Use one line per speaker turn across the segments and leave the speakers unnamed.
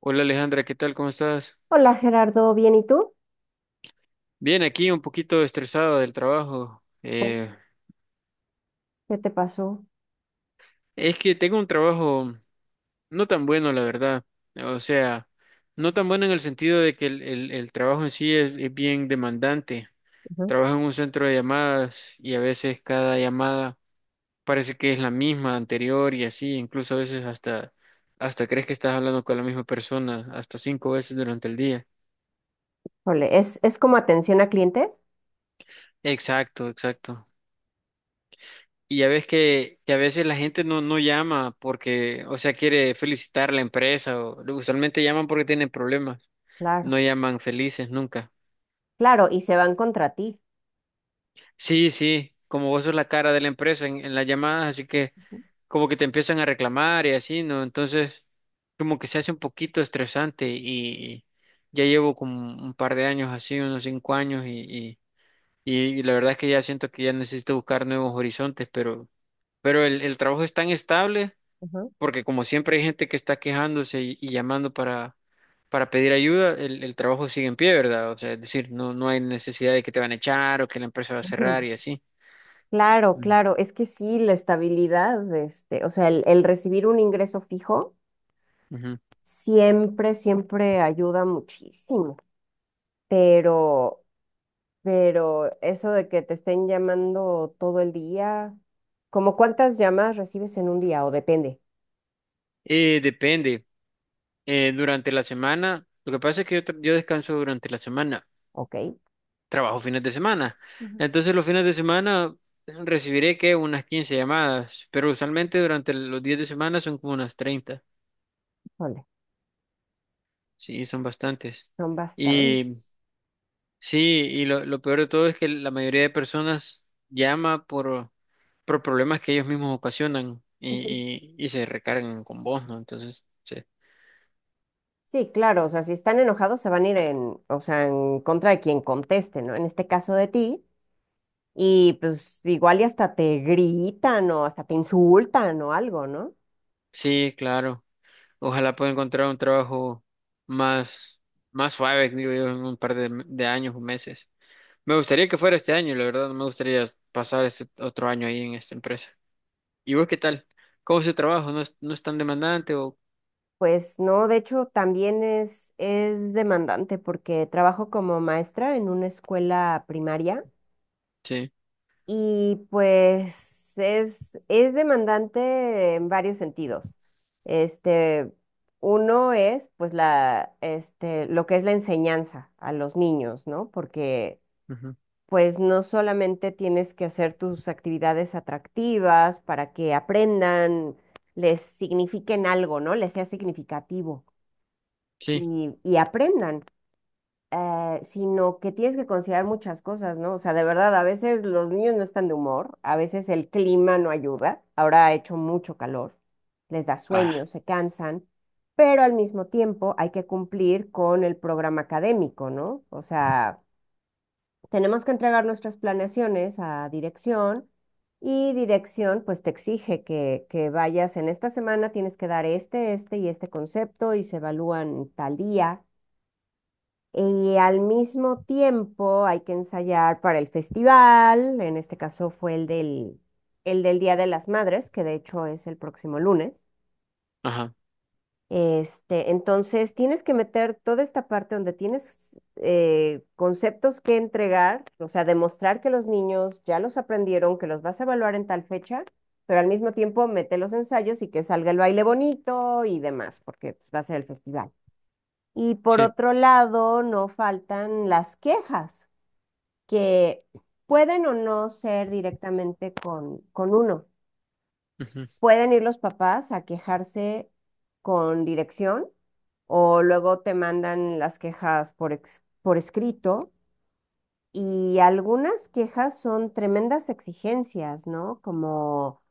Hola Alejandra, ¿qué tal? ¿Cómo estás?
Hola Gerardo, ¿bien y tú?
Bien, aquí un poquito estresado del trabajo.
Oh, ¿qué te pasó?
Es que tengo un trabajo no tan bueno, la verdad. O sea, no tan bueno en el sentido de que el trabajo en sí es bien demandante.
Ujú.
Trabajo en un centro de llamadas y a veces cada llamada parece que es la misma anterior y así. Incluso a veces hasta crees que estás hablando con la misma persona hasta 5 veces durante el día.
Híjole, ¿es como atención a clientes?
Exacto, exacto. Y ya ves que a veces la gente no llama porque, o sea, quiere felicitar a la empresa o usualmente llaman porque tienen problemas.
Claro,
No llaman felices nunca.
claro, y se van contra ti.
Sí, sí, como vos sos la cara de la empresa en las llamadas, así que como que te empiezan a reclamar y así, ¿no? Entonces, como que se hace un poquito estresante y ya llevo como un par de años así, unos 5 años y la verdad es que ya siento que ya necesito buscar nuevos horizontes, pero el trabajo es tan estable
Ujú, ujú.
porque como siempre hay gente que está quejándose y llamando para pedir ayuda, el trabajo sigue en pie, ¿verdad? O sea, es decir, no hay necesidad de que te van a echar o que la empresa va a cerrar y así.
Claro,
Ujú.
claro, es que sí, la estabilidad, este, o sea, el recibir un ingreso fijo
Ujú.
siempre ayuda muchísimo, pero, pero eso de que te estén llamando todo el día, ¿como cuántas llamadas recibes en un día? O depende,
Depende. Durante la semana, lo que pasa es que yo descanso durante la semana,
¿ok?
trabajo fines de semana.
Ujú.
Entonces los fines de semana recibiré que unas 15 llamadas, pero usualmente durante los días de semana son como unas 30.
Híjole,
Sí, son bastantes.
son bastantes.
Sí, y lo peor de todo es que la mayoría de personas llama por problemas que ellos mismos ocasionan y se recargan con vos, ¿no? Entonces, sí,
Sí, claro, o sea, si están enojados se van a ir en, o sea, en contra de quien conteste, ¿no? En este caso de ti, y pues igual y hasta te gritan o hasta te insultan o algo, ¿no?
sí, claro. Ojalá pueda encontrar un trabajo más, más suave, digo yo, en un par de años o meses. Me gustaría que fuera este año, la verdad, no me gustaría pasar este otro año ahí en esta empresa. ¿Y vos qué tal? ¿Cómo es el trabajo? ¿No es, no es tan demandante o...?
Pues no, de hecho también es demandante porque trabajo como maestra en una escuela primaria.
Sí,
Y pues es demandante en varios sentidos. Este, uno es pues lo que es la enseñanza a los niños, ¿no? Porque
ujú,
pues no solamente tienes que hacer tus actividades atractivas para que aprendan, les signifiquen algo, ¿no? Les sea significativo,
sí,
y aprendan, sino que tienes que considerar muchas cosas, ¿no? O sea, de verdad, a veces los niños no están de humor, a veces el clima no ayuda, ahora ha hecho mucho calor, les da
ah,
sueño, se cansan, pero al mismo tiempo hay que cumplir con el programa académico, ¿no? O sea, tenemos que entregar nuestras planeaciones a dirección. Y dirección, pues te exige que, vayas en esta semana, tienes que dar este, este y este concepto y se evalúan tal día. Y al mismo tiempo hay que ensayar para el festival, en este caso fue el del Día de las Madres, que de hecho es el próximo lunes.
ajá,
Este, entonces tienes que meter toda esta parte donde tienes conceptos que entregar, o sea, demostrar que los niños ya los aprendieron, que los vas a evaluar en tal fecha, pero al mismo tiempo mete los ensayos y que salga el baile bonito y demás, porque pues, va a ser el festival. Y por
sí,
otro lado, no faltan las quejas que pueden o no ser directamente con, uno.
ujú,
Pueden ir los papás a quejarse con dirección o luego te mandan las quejas por escrito, y algunas quejas son tremendas exigencias, ¿no? Como,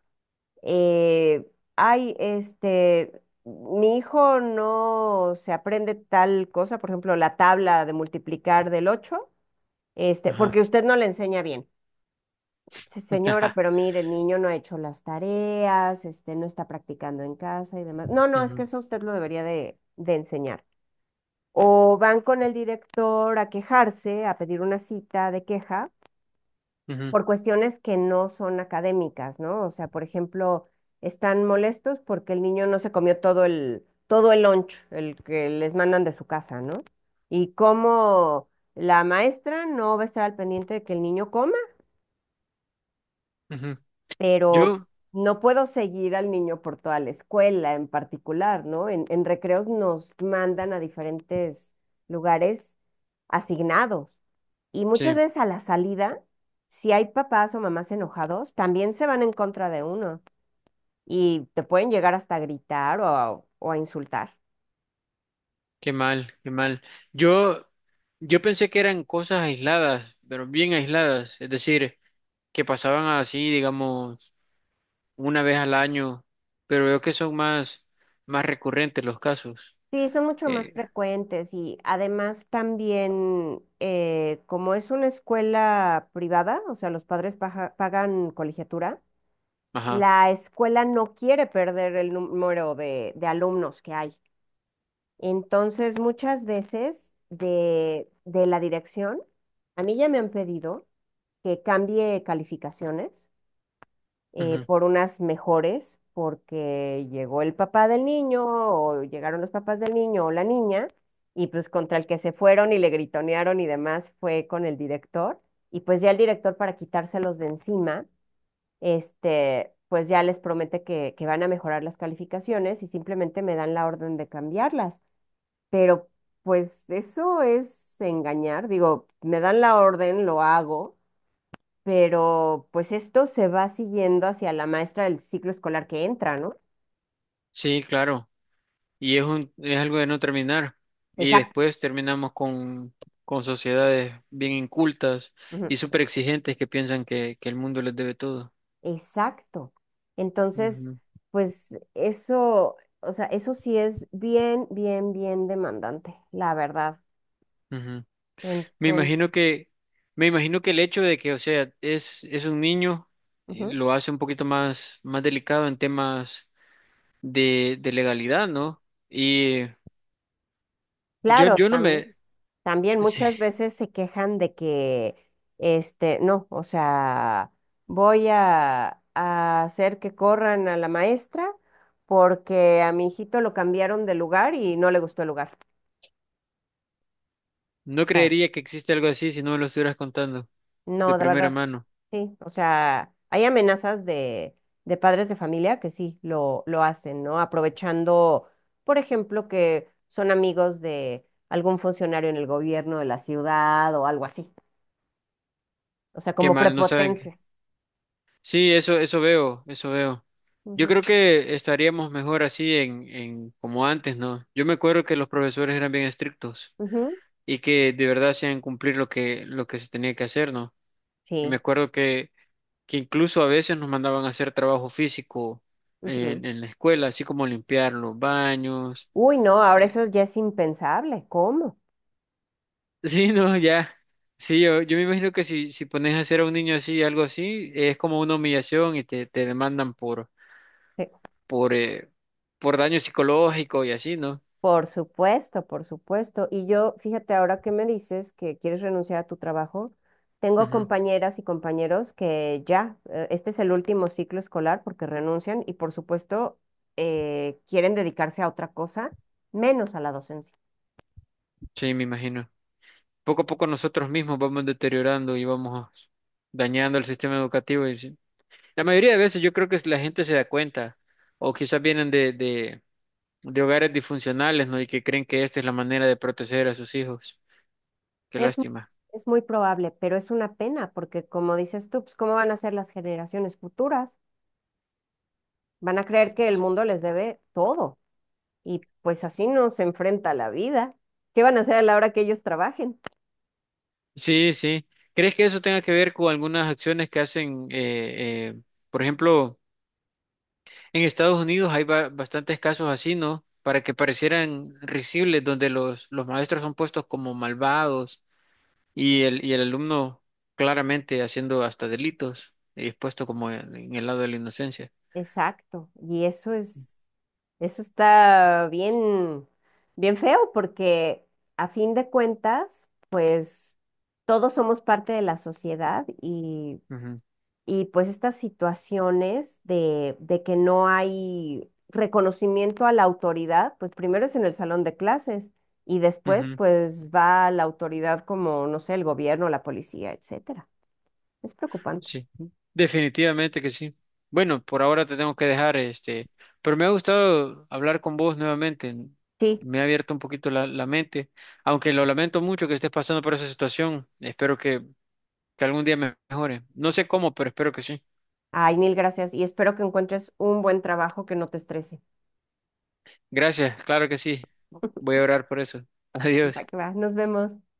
eh, ay, este, mi hijo no se aprende tal cosa, por ejemplo, la tabla de multiplicar del ocho,
ajá.
porque usted no le enseña bien. Sí, señora, pero mire, el niño no ha hecho las tareas, no está practicando en casa y demás. No, no, es que
Ujú,
eso usted lo debería de, enseñar. O van con el director a quejarse, a pedir una cita de queja
ujú,
por cuestiones que no son académicas, ¿no? O sea, por ejemplo, están molestos porque el niño no se comió todo el lunch, el que les mandan de su casa, ¿no? Y como la maestra no va a estar al pendiente de que el niño coma,
ujú.
pero
Yo,
no puedo seguir al niño por toda la escuela en particular, ¿no? En recreos nos mandan a diferentes lugares asignados y muchas
sí,
veces a la salida, si hay papás o mamás enojados, también se van en contra de uno y te pueden llegar hasta a gritar o a insultar.
qué mal, qué mal. Yo, yo pensé que eran cosas aisladas, pero bien aisladas, es decir, que pasaban así, digamos, una vez al año, pero veo que son más, más recurrentes los casos.
Sí, son mucho más
Eh,
frecuentes y además también, como es una escuela privada, o sea, los padres pagan colegiatura,
ajá,
la escuela no quiere perder el número de, alumnos que hay. Entonces, muchas veces de, la dirección, a mí ya me han pedido que cambie calificaciones,
ujú.
por unas mejores, porque llegó el papá del niño o llegaron los papás del niño o la niña, y pues contra el que se fueron y le gritonearon y demás fue con el director. Y pues ya el director, para quitárselos de encima, pues ya les promete que, van a mejorar las calificaciones y simplemente me dan la orden de cambiarlas. Pero pues eso es engañar, digo, me dan la orden, lo hago, pero pues esto se va siguiendo hacia la maestra del ciclo escolar que entra, ¿no?
Sí, claro, y es es algo de no terminar. Y
Exacto.
después terminamos con sociedades bien incultas
Ujú,
y súper exigentes que piensan que el mundo les debe todo.
exacto. Entonces,
Ujú,
pues eso, o sea, eso sí es bien, bien, bien demandante, la verdad.
ujú. Me
Entonces,
imagino que, me imagino que el hecho de que, o sea, es un niño,
ujú,
lo hace un poquito más, más delicado en temas de legalidad, ¿no? Y yo,
claro,
yo no
también.
me,
También
sí,
muchas veces se quejan de que, este, no, o sea, voy a, hacer que corran a la maestra porque a mi hijito lo cambiaron de lugar y no le gustó el lugar. O
no
sea,
creería que existe algo así si no me lo estuvieras contando de
no, de
primera
verdad,
mano.
sí. O sea, hay amenazas de, padres de familia que sí lo, hacen, ¿no? Aprovechando, por ejemplo, que son amigos de algún funcionario en el gobierno de la ciudad o algo así. O sea,
Qué
como
mal, no saben. Que-
prepotencia.
Sí, eso veo, eso veo. Yo creo
Ujú.
que estaríamos mejor así en como antes, ¿no? Yo me acuerdo que los profesores eran bien estrictos
Ujú,
y que de verdad hacían cumplir lo lo que se tenía que hacer, ¿no? Y me
sí.
acuerdo que incluso a veces nos mandaban a hacer trabajo físico
Ujú.
en la escuela, así como limpiar los baños.
Uy, no, ahora eso ya es impensable. ¿Cómo?
Sí, no, ya. Sí, yo me imagino que si, si pones a hacer a un niño así, algo así, es como una humillación y te demandan
Sí.
por, eh, por daño psicológico y así, ¿no?
Por supuesto, por supuesto. Y yo, fíjate, ahora que me dices que quieres renunciar a tu trabajo, tengo
Ujú,
compañeras y compañeros que ya, este es el último ciclo escolar porque renuncian y por supuesto, quieren dedicarse a otra cosa, menos a la docencia.
sí, me imagino. Poco a poco nosotros mismos vamos deteriorando y vamos dañando el sistema educativo. Y sí. La mayoría de veces yo creo que la gente se da cuenta, o quizás vienen de hogares disfuncionales, ¿no? Y que creen que esta es la manera de proteger a sus hijos. Qué
Es, mu-
lástima.
es muy probable, pero es una pena porque como dices tú, pues, ¿cómo van a ser las generaciones futuras? Van a creer que el mundo les debe todo. Y pues así nos enfrenta la vida. ¿Qué van a hacer a la hora que ellos trabajen?
Sí, sí. ¿Crees que eso tenga que ver con algunas acciones que hacen, por ejemplo, en Estados Unidos hay bastantes casos así, ¿no? Para que parecieran risibles, donde los maestros son puestos como malvados y el alumno claramente haciendo hasta delitos y expuesto como en el lado de la inocencia.
Exacto. Y eso está bien, bien feo porque a fin de cuentas, pues todos somos parte de la sociedad, y,
Ujú,
y pues estas situaciones de, que no hay reconocimiento a la autoridad, pues primero es en el salón de clases y después
ujú.
pues va la autoridad como, no sé, el gobierno, la policía, etcétera. Es preocupante.
Sí, definitivamente que sí. Bueno, por ahora te tengo que dejar, este, pero me ha gustado hablar con vos nuevamente.
Sí.
Me ha abierto un poquito la mente, aunque lo lamento mucho que estés pasando por esa situación. Espero que algún día me mejore. No sé cómo, pero espero que sí.
Ay, mil gracias. Y espero que encuentres un buen trabajo que no te estrese.
Gracias, claro que sí. Voy a orar por eso.
Va
Adiós.
que va. Nos vemos.